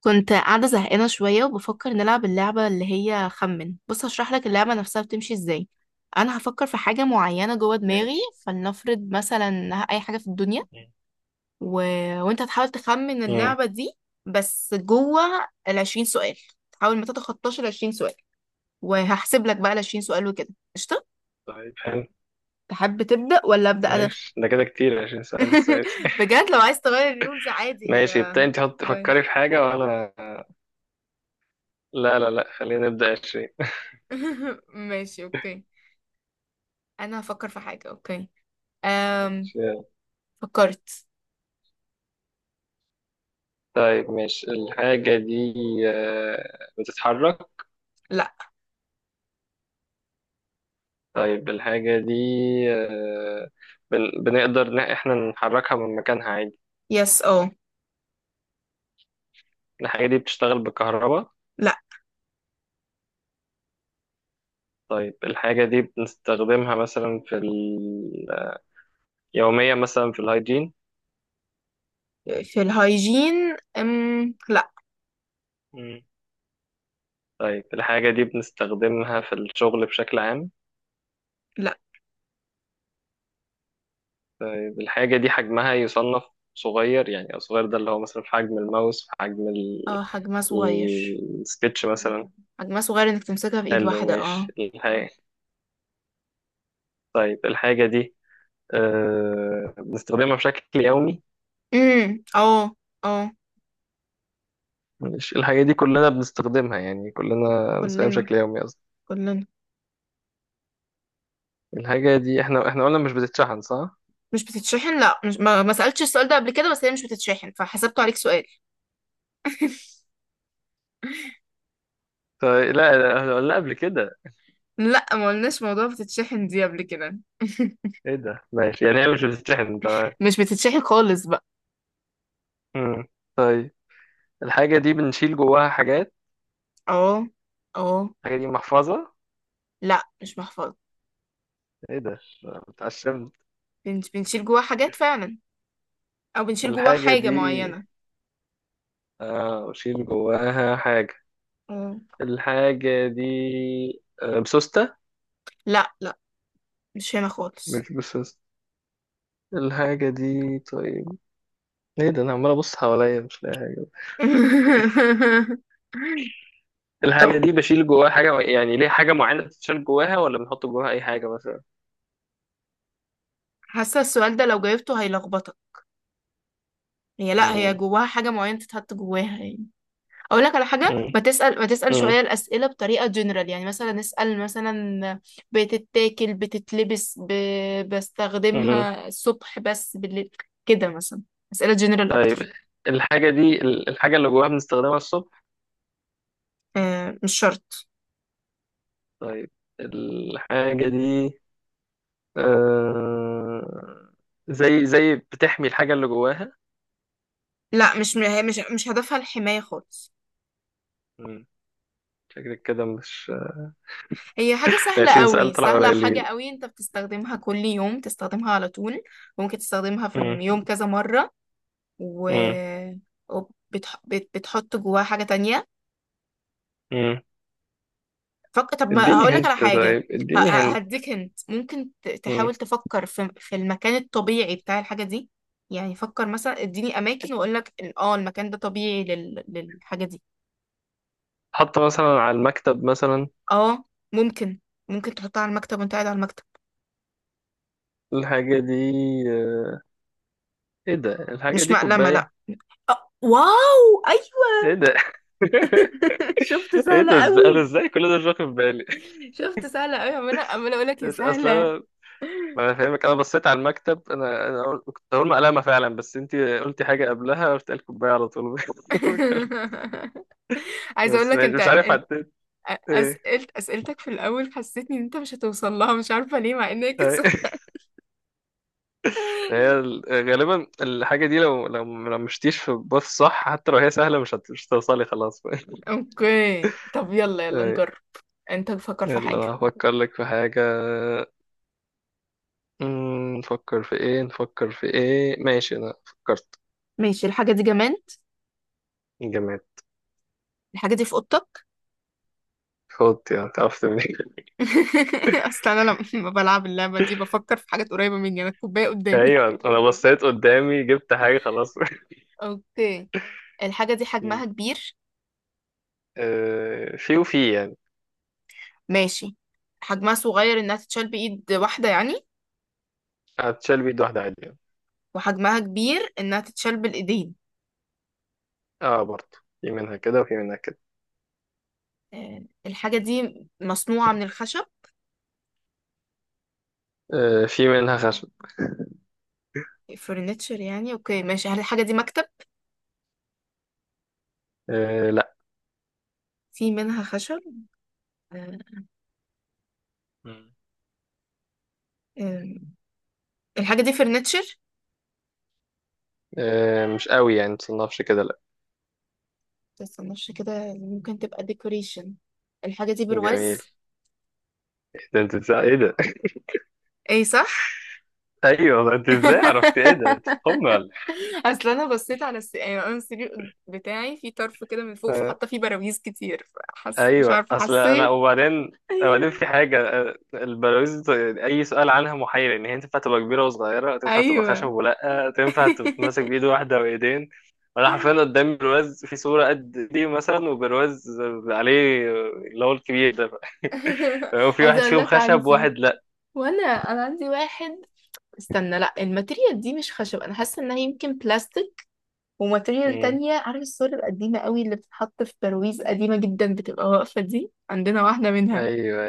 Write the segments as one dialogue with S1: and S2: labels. S1: كنت قاعدة زهقانة شوية وبفكر نلعب اللعبة اللي هي خمن. بص، هشرح لك اللعبة نفسها بتمشي ازاي. أنا هفكر في حاجة معينة جوه دماغي،
S2: ماشي.
S1: فلنفرض مثلا إنها أي حاجة في الدنيا.
S2: مم.
S1: و... وأنت هتحاول تخمن
S2: مم.
S1: اللعبة دي، بس جوه العشرين سؤال، تحاول ما تتخطاش العشرين سؤال. وهحسب لك بقى العشرين سؤال وكده. قشطة.
S2: طيب، حلو.
S1: تحب تبدأ ولا أبدأ أنا؟
S2: ماشي، ده كده كتير عشان سؤال السادس.
S1: بجد لو عايز تغير الرولز عادي،
S2: ماشي.
S1: هي
S2: ابتدي انت، حط فكري
S1: غير.
S2: في حاجة، وانا لا، لا، لا، خلينا نبدأ 20.
S1: ماشي، أوكي. أنا هفكر في حاجة، أوكي.
S2: ماشي. يلا.
S1: فكرت.
S2: طيب ماشي، الحاجة دي بتتحرك؟
S1: لا.
S2: طيب الحاجة دي آه، بنقدر إن احنا نحركها من مكانها عادي؟
S1: يس، اه.
S2: الحاجة دي بتشتغل بالكهرباء؟
S1: لا.
S2: طيب الحاجة دي بنستخدمها مثلا يوميا مثلا في الهايجين؟
S1: في الهايجين، لا.
S2: مم. طيب الحاجة دي بنستخدمها في الشغل بشكل عام؟
S1: لا.
S2: طيب الحاجة دي حجمها يصنف صغير، يعني الصغير ده اللي هو مثلا في حجم الماوس، في حجم
S1: اه، حجمها صغير.
S2: السكتش مثلا.
S1: حجمها صغير انك تمسكها في ايد
S2: حلو،
S1: واحدة، اه.
S2: ماشي الحاجة. طيب الحاجة دي بنستخدمها بشكل يومي؟
S1: اه. اه.
S2: مش الحاجة دي كلنا بنستخدمها، يعني كلنا بنستخدمها
S1: كلنا،
S2: بشكل يومي قصدي.
S1: كلنا.
S2: الحاجة دي احنا قلنا مش بتتشحن، صح؟
S1: مش بتتشحن، لا. مش ما سألتش السؤال ده قبل كده، بس هي مش بتتشحن، فحسبته عليك سؤال.
S2: طيب، لا، لا، احنا قلنا قبل كده.
S1: لا، ما قلناش موضوع بتتشحن دي قبل كده.
S2: ايه ده، ماشي يعني هي مش بتتشحن، طيب.
S1: مش بتتشحن خالص بقى.
S2: مم. طيب الحاجة دي بنشيل جواها حاجات.
S1: اه، اه.
S2: الحاجة دي محفظة؟
S1: لا، مش محفظة.
S2: ايه ده، اتعشمت.
S1: بنشيل جواها حاجات فعلا، او بنشيل جواها
S2: الحاجة
S1: حاجة
S2: دي
S1: معينة.
S2: أشيل جواها حاجة.
S1: اه.
S2: الحاجة دي بسوستة؟
S1: لا، لا، مش هنا خالص.
S2: مش بسوستة. الحاجة دي طيب، ايه ده، انا عمال ابص حواليا مش لاقي حاجة. الحاجة
S1: طب،
S2: دي بشيل جواها حاجة يعني، ليه حاجة معينة بتشيل جواها، ولا بنحط جواها أي حاجة مثلا؟
S1: حاسه السؤال ده لو جاوبته هيلخبطك. هي، لا، هي
S2: مم.
S1: جواها حاجه معينه تتحط جواها يعني. اقول لك على حاجه،
S2: مم.
S1: ما تسال شويه
S2: مم.
S1: الاسئله بطريقه جنرال، يعني مثلا اسال مثلا: بتتاكل، بتتلبس،
S2: مم.
S1: بستخدمها الصبح بس بالليل، كده مثلا. اسئله جنرال
S2: طيب
S1: اكتر.
S2: الحاجة دي، الحاجة اللي جواها بنستخدمها الصبح؟
S1: آه، مش شرط.
S2: طيب الحاجة دي آه، زي بتحمي الحاجة اللي جواها؟
S1: لا، مش هي، مش هدفها الحمايه خالص.
S2: مم. شكلك كده مش،
S1: هي حاجة
S2: احنا
S1: سهلة
S2: 20 سؤال
S1: قوي،
S2: طلع
S1: سهلة حاجة
S2: قليلين.
S1: قوي، انت بتستخدمها كل يوم، تستخدمها على طول. ممكن تستخدمها في
S2: مم.
S1: اليوم كذا مرة. و...
S2: مم.
S1: وبتح... بت... بتحط جواها حاجة تانية.
S2: مم.
S1: طب، ما
S2: اديني
S1: هقولك على
S2: هنت،
S1: حاجة.
S2: طيب اديني هنت.
S1: هديك هنت، ممكن
S2: مم.
S1: تحاول تفكر في المكان الطبيعي بتاع الحاجة دي. يعني فكر مثلا، اديني اماكن واقولك المكان ده طبيعي للحاجة دي.
S2: حط مثلا على المكتب مثلا.
S1: اه، ممكن. ممكن تحطها على المكتب وانت قاعد على المكتب.
S2: الحاجة دي آه، ايه ده، الحاجة
S1: مش
S2: دي
S1: مقلمة، لا.
S2: كوباية؟
S1: آه، واو، أيوه!
S2: ايه ده.
S1: شفت،
S2: ايه
S1: سهلة
S2: ده، ازاي انا،
S1: قوي.
S2: ازاي كل ده مش واخد بالي؟
S1: شفت سهلة قوي، عمالة عمالة اقول لك يا
S2: مش، اصل
S1: سهلة.
S2: انا، ما انا فاهمك، انا بصيت على المكتب، انا قلت- كنت هقول مقلمة فعلا، بس انت قلتي حاجة قبلها، قلت قال كوباية على طول.
S1: عايزة اقول
S2: بس
S1: لك انت،
S2: مش عارف حطيت ايه.
S1: أسئلتك في الأول حسيتني إن أنت مش هتوصل لها، مش عارفة ليه مع إنك
S2: أي.
S1: سهلة.
S2: هي ال- غالبا الحاجة دي لو مشتيش في الباص صح، حتى لو هي سهلة مش هتوصلي خلاص.
S1: أوكي، طب يلا يلا
S2: أي.
S1: نجرب. أنت فكر في
S2: يلا
S1: حاجة.
S2: هفكر لك في حاجة. نفكر في ايه، نفكر في ايه، ماشي انا فكرت.
S1: ماشي، الحاجة دي جماد؟
S2: جماد.
S1: الحاجة دي في أوضتك؟
S2: خد، يعني تعرفت منين؟
S1: اصل انا لما بلعب اللعبه دي بفكر في حاجات قريبه مني، انا الكوبايه قدامي.
S2: ايوه انا بصيت قدامي جبت حاجة خلاص.
S1: اوكي. الحاجه دي
S2: أمم.
S1: حجمها كبير؟
S2: في وفي يعني.
S1: ماشي، حجمها صغير انها تتشال بايد واحدة يعني،
S2: هتشال بيد واحدة عادي يعني.
S1: وحجمها كبير انها تتشال بالايدين.
S2: اه، برضه في منها كده وفي منها كده.
S1: آه، الحاجة دي مصنوعة من الخشب؟
S2: في منها خشب.
S1: فرنتشر يعني، اوكي ماشي، هل الحاجة دي مكتب؟
S2: آه،
S1: في منها خشب. آه.
S2: لا.
S1: آم، الحاجة دي فرنتشر؟
S2: مش قوي يعني متصنفش كده، لا.
S1: متستناش كده، ممكن تبقى ديكوريشن. الحاجة دي
S2: جميل،
S1: برواز؟
S2: ده انت ازاي، ايه ده.
S1: اي صح.
S2: ايوه، ما انت ازاي عرفت؟ ايه ده، انت تخم ولا إيه؟
S1: اصل انا بصيت على يعني انا السرير بتاعي في طرف كده من فوق،
S2: آه،
S1: فحاطه فيه براويز كتير. فحس، مش
S2: ايوه،
S1: عارفه
S2: اصل انا،
S1: حسيت.
S2: وبعدين في حاجه البلاويز، اي سؤال عنها محير، ان هي تنفع تبقى كبيره وصغيره، تنفع تبقى خشب،
S1: ايوه.
S2: ولا تنفع تتمسك بايد واحده وايدين. وانا حرفيا قدام برواز في صوره قد دي مثلا، وبرواز عليه اللي هو الكبير ده، وفي
S1: عايزه
S2: واحد
S1: اقول
S2: فيهم
S1: لك
S2: خشب
S1: عندي،
S2: وواحد لا.
S1: وانا عندي واحد. استنى، لا، الماتيريال دي مش خشب، انا حاسه انها يمكن بلاستيك. وماتيريال
S2: مم.
S1: تانية، عارف الصور القديمه قوي اللي بتتحط في ترويز قديمه جدا بتبقى واقفه، دي عندنا واحده منها.
S2: ايوه.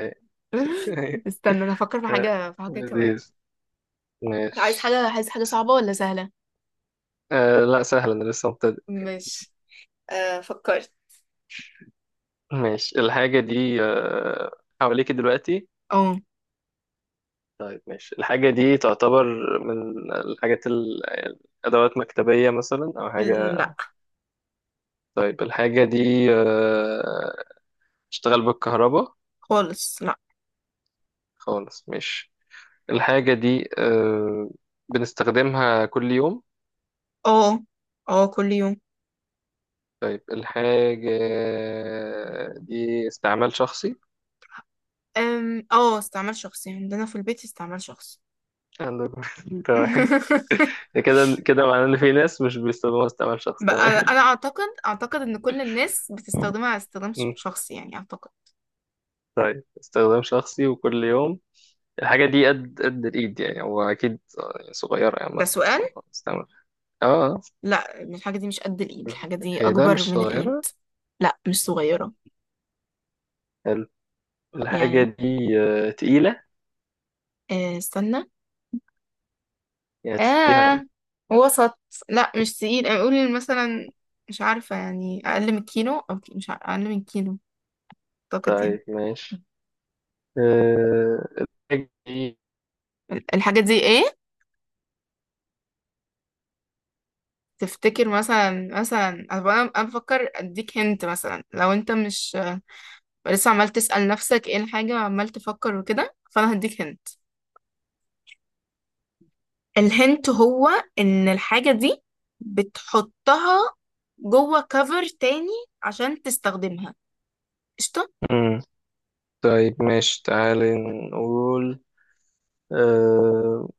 S2: ايوه.
S1: استنى انا افكر في حاجه في حاجه كمان.
S2: لذيذ،
S1: عايز
S2: ماشي.
S1: حاجه عايز حاجه صعبه ولا سهله؟
S2: لا سهل، انا لسه مبتدئ.
S1: مش. آه، فكرت.
S2: ماشي الحاجة دي حواليك دلوقتي؟
S1: اه.
S2: طيب ماشي، الحاجة دي تعتبر من الحاجات الأدوات مكتبية مثلا أو حاجة؟
S1: لا
S2: طيب الحاجة دي بتشتغل بالكهرباء؟
S1: خالص. لا.
S2: خالص، ماشي. الحاجة دي بنستخدمها كل يوم؟
S1: اه، اه، كل يوم.
S2: طيب الحاجة دي استعمال شخصي؟
S1: اه، استعمال شخصي، عندنا في البيت استعمال شخصي.
S2: عندك. تمام. كده كده معناه ان في ناس مش بيستخدموها استعمال شخص،
S1: بقى انا
S2: تمام.
S1: أنا اعتقد ان كل الناس بتستخدمها على استخدام
S2: مم.
S1: شخصي يعني اعتقد.
S2: طيب، استخدام شخصي وكل يوم. الحاجة دي قد الإيد، يعني هو أكيد صغيرة يعني،
S1: ده
S2: عامة
S1: سؤال.
S2: استعمل. اه. آه.
S1: لا، الحاجه دي مش قد الايد، الحاجه دي
S2: إيه ده،
S1: اكبر
S2: مش
S1: من الايد.
S2: صغيرة؟
S1: لا، مش صغيره.
S2: حلو. الحاجة
S1: يعني،
S2: دي تقيلة؟
S1: آه، استنى.
S2: يعني تشيلها.
S1: اه، وسط. لا، مش تقيل، اقول مثلا، مش عارفه يعني اقل من كيلو او مش عارفة اقل من كيلو، اعتقد يعني.
S2: طيب ماشي، آه، الحاجة دي.
S1: الحاجه دي ايه؟ تفتكر مثلا انا بفكر اديك هنت، مثلا لو انت مش لسه عمال تسأل نفسك ايه الحاجة وعمال تفكر وكده، فانا هديك هنت. الهنت هو ان الحاجة دي بتحطها جوه كفر تاني عشان تستخدمها. قشطة.
S2: مم. طيب، ماشي، تعالي نقول أه...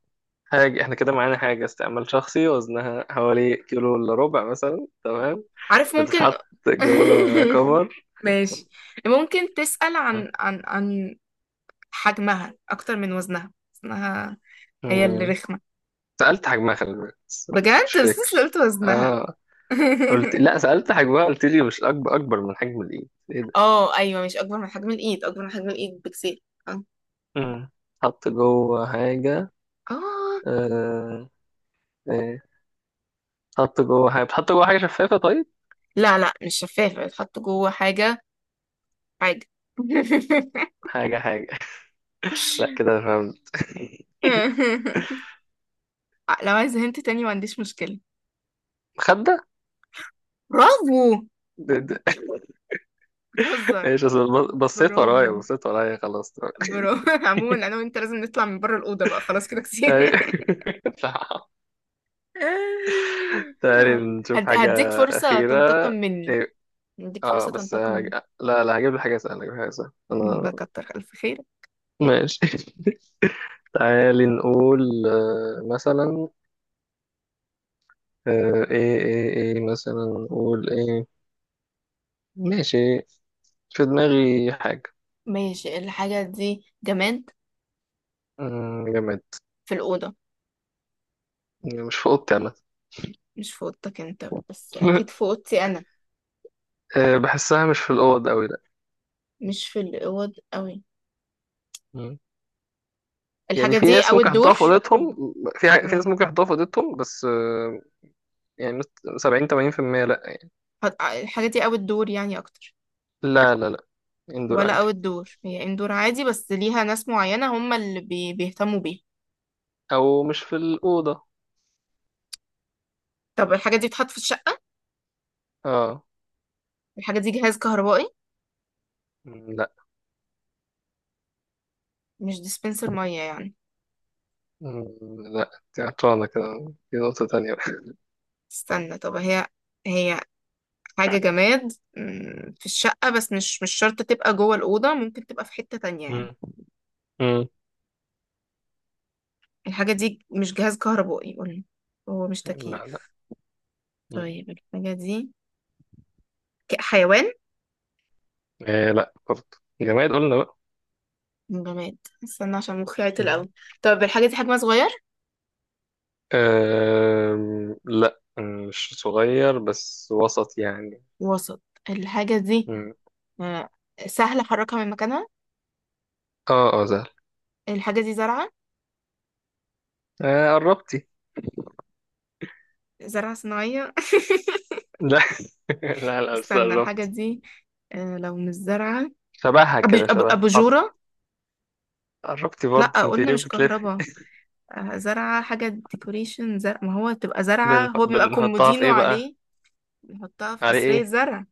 S2: حاجة، احنا كده معانا حاجة استعمال شخصي، وزنها حوالي كيلو إلا ربع مثلا، تمام.
S1: عارف، ممكن.
S2: بتتحط جوه كفر.
S1: ماشي، ممكن تسأل عن حجمها اكتر من وزنها. هي اللي
S2: مم.
S1: رخمة.
S2: سألت حجمها، خلي بالك، بس مش
S1: بجد، بس لسه
S2: فاكر.
S1: قلت وزنها.
S2: اه، قلت لا، سألت حجمها، قلت لي مش أكبر، أكبر من حجم الإيد. إيه ده.
S1: اه، ايوه، مش اكبر من حجم الايد، اكبر من حجم الايد بكتير. اه.
S2: مم. حط جوه حاجة.
S1: آه،
S2: آه إيه، حط جوه حاجة، بتحط جوه حاجة شفافة، طيب.
S1: لا، لا، مش شفافة، بتحط جوه حاجة، حاجة.
S2: حاجة، حاجة. لا كده أنا فهمت.
S1: لو عايز هنت تاني ما عنديش مشكلة.
S2: مخدة.
S1: برافو.
S2: ده- ده-
S1: بتهزر.
S2: ايش، أصل بصيت ورايا،
S1: برافو،
S2: بصيت ورايا خلاص. تمام.
S1: برافو. عموما انا وانت لازم نطلع من بره الأوضة بقى، خلاص كده كتير.
S2: أي- تعال نشوف حاجة
S1: هديك فرصة
S2: أخيرة.
S1: تنتقم مني.
S2: إيه،
S1: هديك
S2: اه
S1: فرصة
S2: بس
S1: تنتقم مني
S2: لا، لا، هجيب لك حاجة سهلة، هجيب لك حاجة سهلة انا.
S1: بكتر ألف خير.
S2: ماشي. تعالي نقول مثلا، ايه، ايه، ايه، مثلا نقول ايه. ماشي، في دماغي حاجة.
S1: ماشي، الحاجة دي جماد؟
S2: آه، جماد.
S1: في الأوضة؟
S2: مش في اوضتي عامة.
S1: مش في أوضتك أنت بس، أكيد في أوضتي أنا.
S2: بحسها مش في الأوض أوي، لأ.
S1: مش في الأوض أوي.
S2: مم. يعني
S1: الحاجة
S2: في
S1: دي
S2: ناس
S1: او
S2: ممكن يحطوها
S1: الدور؟
S2: في أوضتهم، في في ناس
S1: م-
S2: ممكن يحطوها في أوضتهم بس يعني 70-80%، لأ.
S1: الحاجة دي او الدور يعني اكتر،
S2: لا، لا، لأ. إندور
S1: ولا
S2: عادي.
S1: او الدور هي اندور عادي بس ليها ناس معينة هم اللي بيهتموا بيها؟
S2: أو مش في الأوضة.
S1: طب الحاجة دي بتتحط في الشقة؟
S2: اه.
S1: الحاجة دي جهاز كهربائي؟
S2: لا.
S1: مش ديسبنسر مية يعني؟
S2: مم. لا انت عطلانة كده، في نقطة تانية بقى.
S1: استنى، طب هي حاجة جماد، في الشقة بس مش شرط تبقى جوه الأوضة، ممكن تبقى في حتة تانية يعني.
S2: مم. مم.
S1: الحاجة دي مش جهاز كهربائي قولي. هو مش
S2: لا، لا.
S1: تكييف؟
S2: مم.
S1: طيب الحاجة دي حيوان؟
S2: إيه، لا برضه، جماد قلنا بقى.
S1: جماد. استنى عشان مخي عطل
S2: مم.
S1: قوي. طب الحاجة دي حجمها صغير؟
S2: لا. مش صغير، بس وسط يعني.
S1: وسط. الحاجة دي،
S2: مم.
S1: آه، سهل أحركها من مكانها؟
S2: اه، اه سهل.
S1: الحاجة دي زرعة؟
S2: آه، قربتي.
S1: زرعة صناعية؟
S2: لا. لا، لا، بس
S1: استنى الحاجة
S2: قربتي.
S1: دي، آه، لو مش زرعة،
S2: شبهها كده، شبه. طب،
S1: أباجورة؟
S2: قربتي
S1: لأ
S2: برضه، انت
S1: قلنا
S2: ليه
S1: مش
S2: بتلفي؟
S1: كهربا. آه، زرعة حاجة ديكوريشن، زرع، ما هو تبقى زرعة هو بيبقى
S2: بنحطها في
S1: كومودينو
S2: ايه بقى؟
S1: عليه. بنحطها في
S2: على
S1: قصرية
S2: ايه؟
S1: زرع.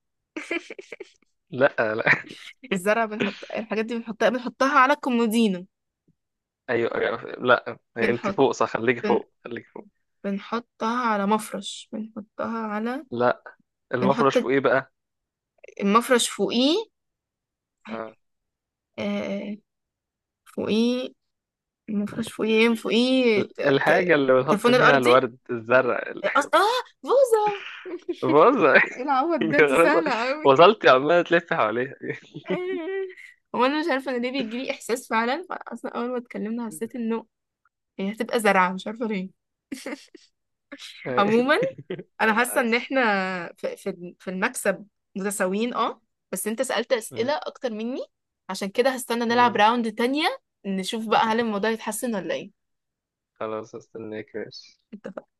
S2: لا، لا.
S1: الزرع بنحط الحاجات دي، بنحطها على الكومودينو.
S2: ايوه، أيوة. لا انت
S1: بنحط
S2: فوق، صح، خليكي
S1: بن...
S2: فوق، خليكي فوق.
S1: بنحطها على مفرش، بنحطها على،
S2: لا، المفرش
S1: بنحط
S2: فوق ايه بقى؟
S1: المفرش فوقيه.
S2: آه.
S1: آه، فوقيه. المفرش فوقيه ايه، فوقيه
S2: الحاجة اللي بنحط
S1: التليفون
S2: فيها
S1: الأرضي.
S2: الورد، الزرع.
S1: اه، بوظة.
S2: بص.
S1: ايه العوض ده، دي
S2: خلاص،
S1: سهلة قوي!
S2: وصلت، عمالة تلف حواليها.
S1: آه. هو انا مش عارفة انا ليه بيجيلي احساس فعلا، فأنا اصلا اول ما اتكلمنا حسيت انه هي هتبقى زرعة، مش عارفة ليه.
S2: آه،
S1: عموما، انا
S2: لا،
S1: حاسة ان
S2: عايز.
S1: احنا في المكسب متساويين، اه. بس انت سألت
S2: م-
S1: أسئلة اكتر مني، عشان كده هستنى نلعب
S2: م.
S1: راوند تانية، نشوف بقى هل الموضوع يتحسن ولا ايه.
S2: خلاص، استناك، ماشي.
S1: اتفقنا.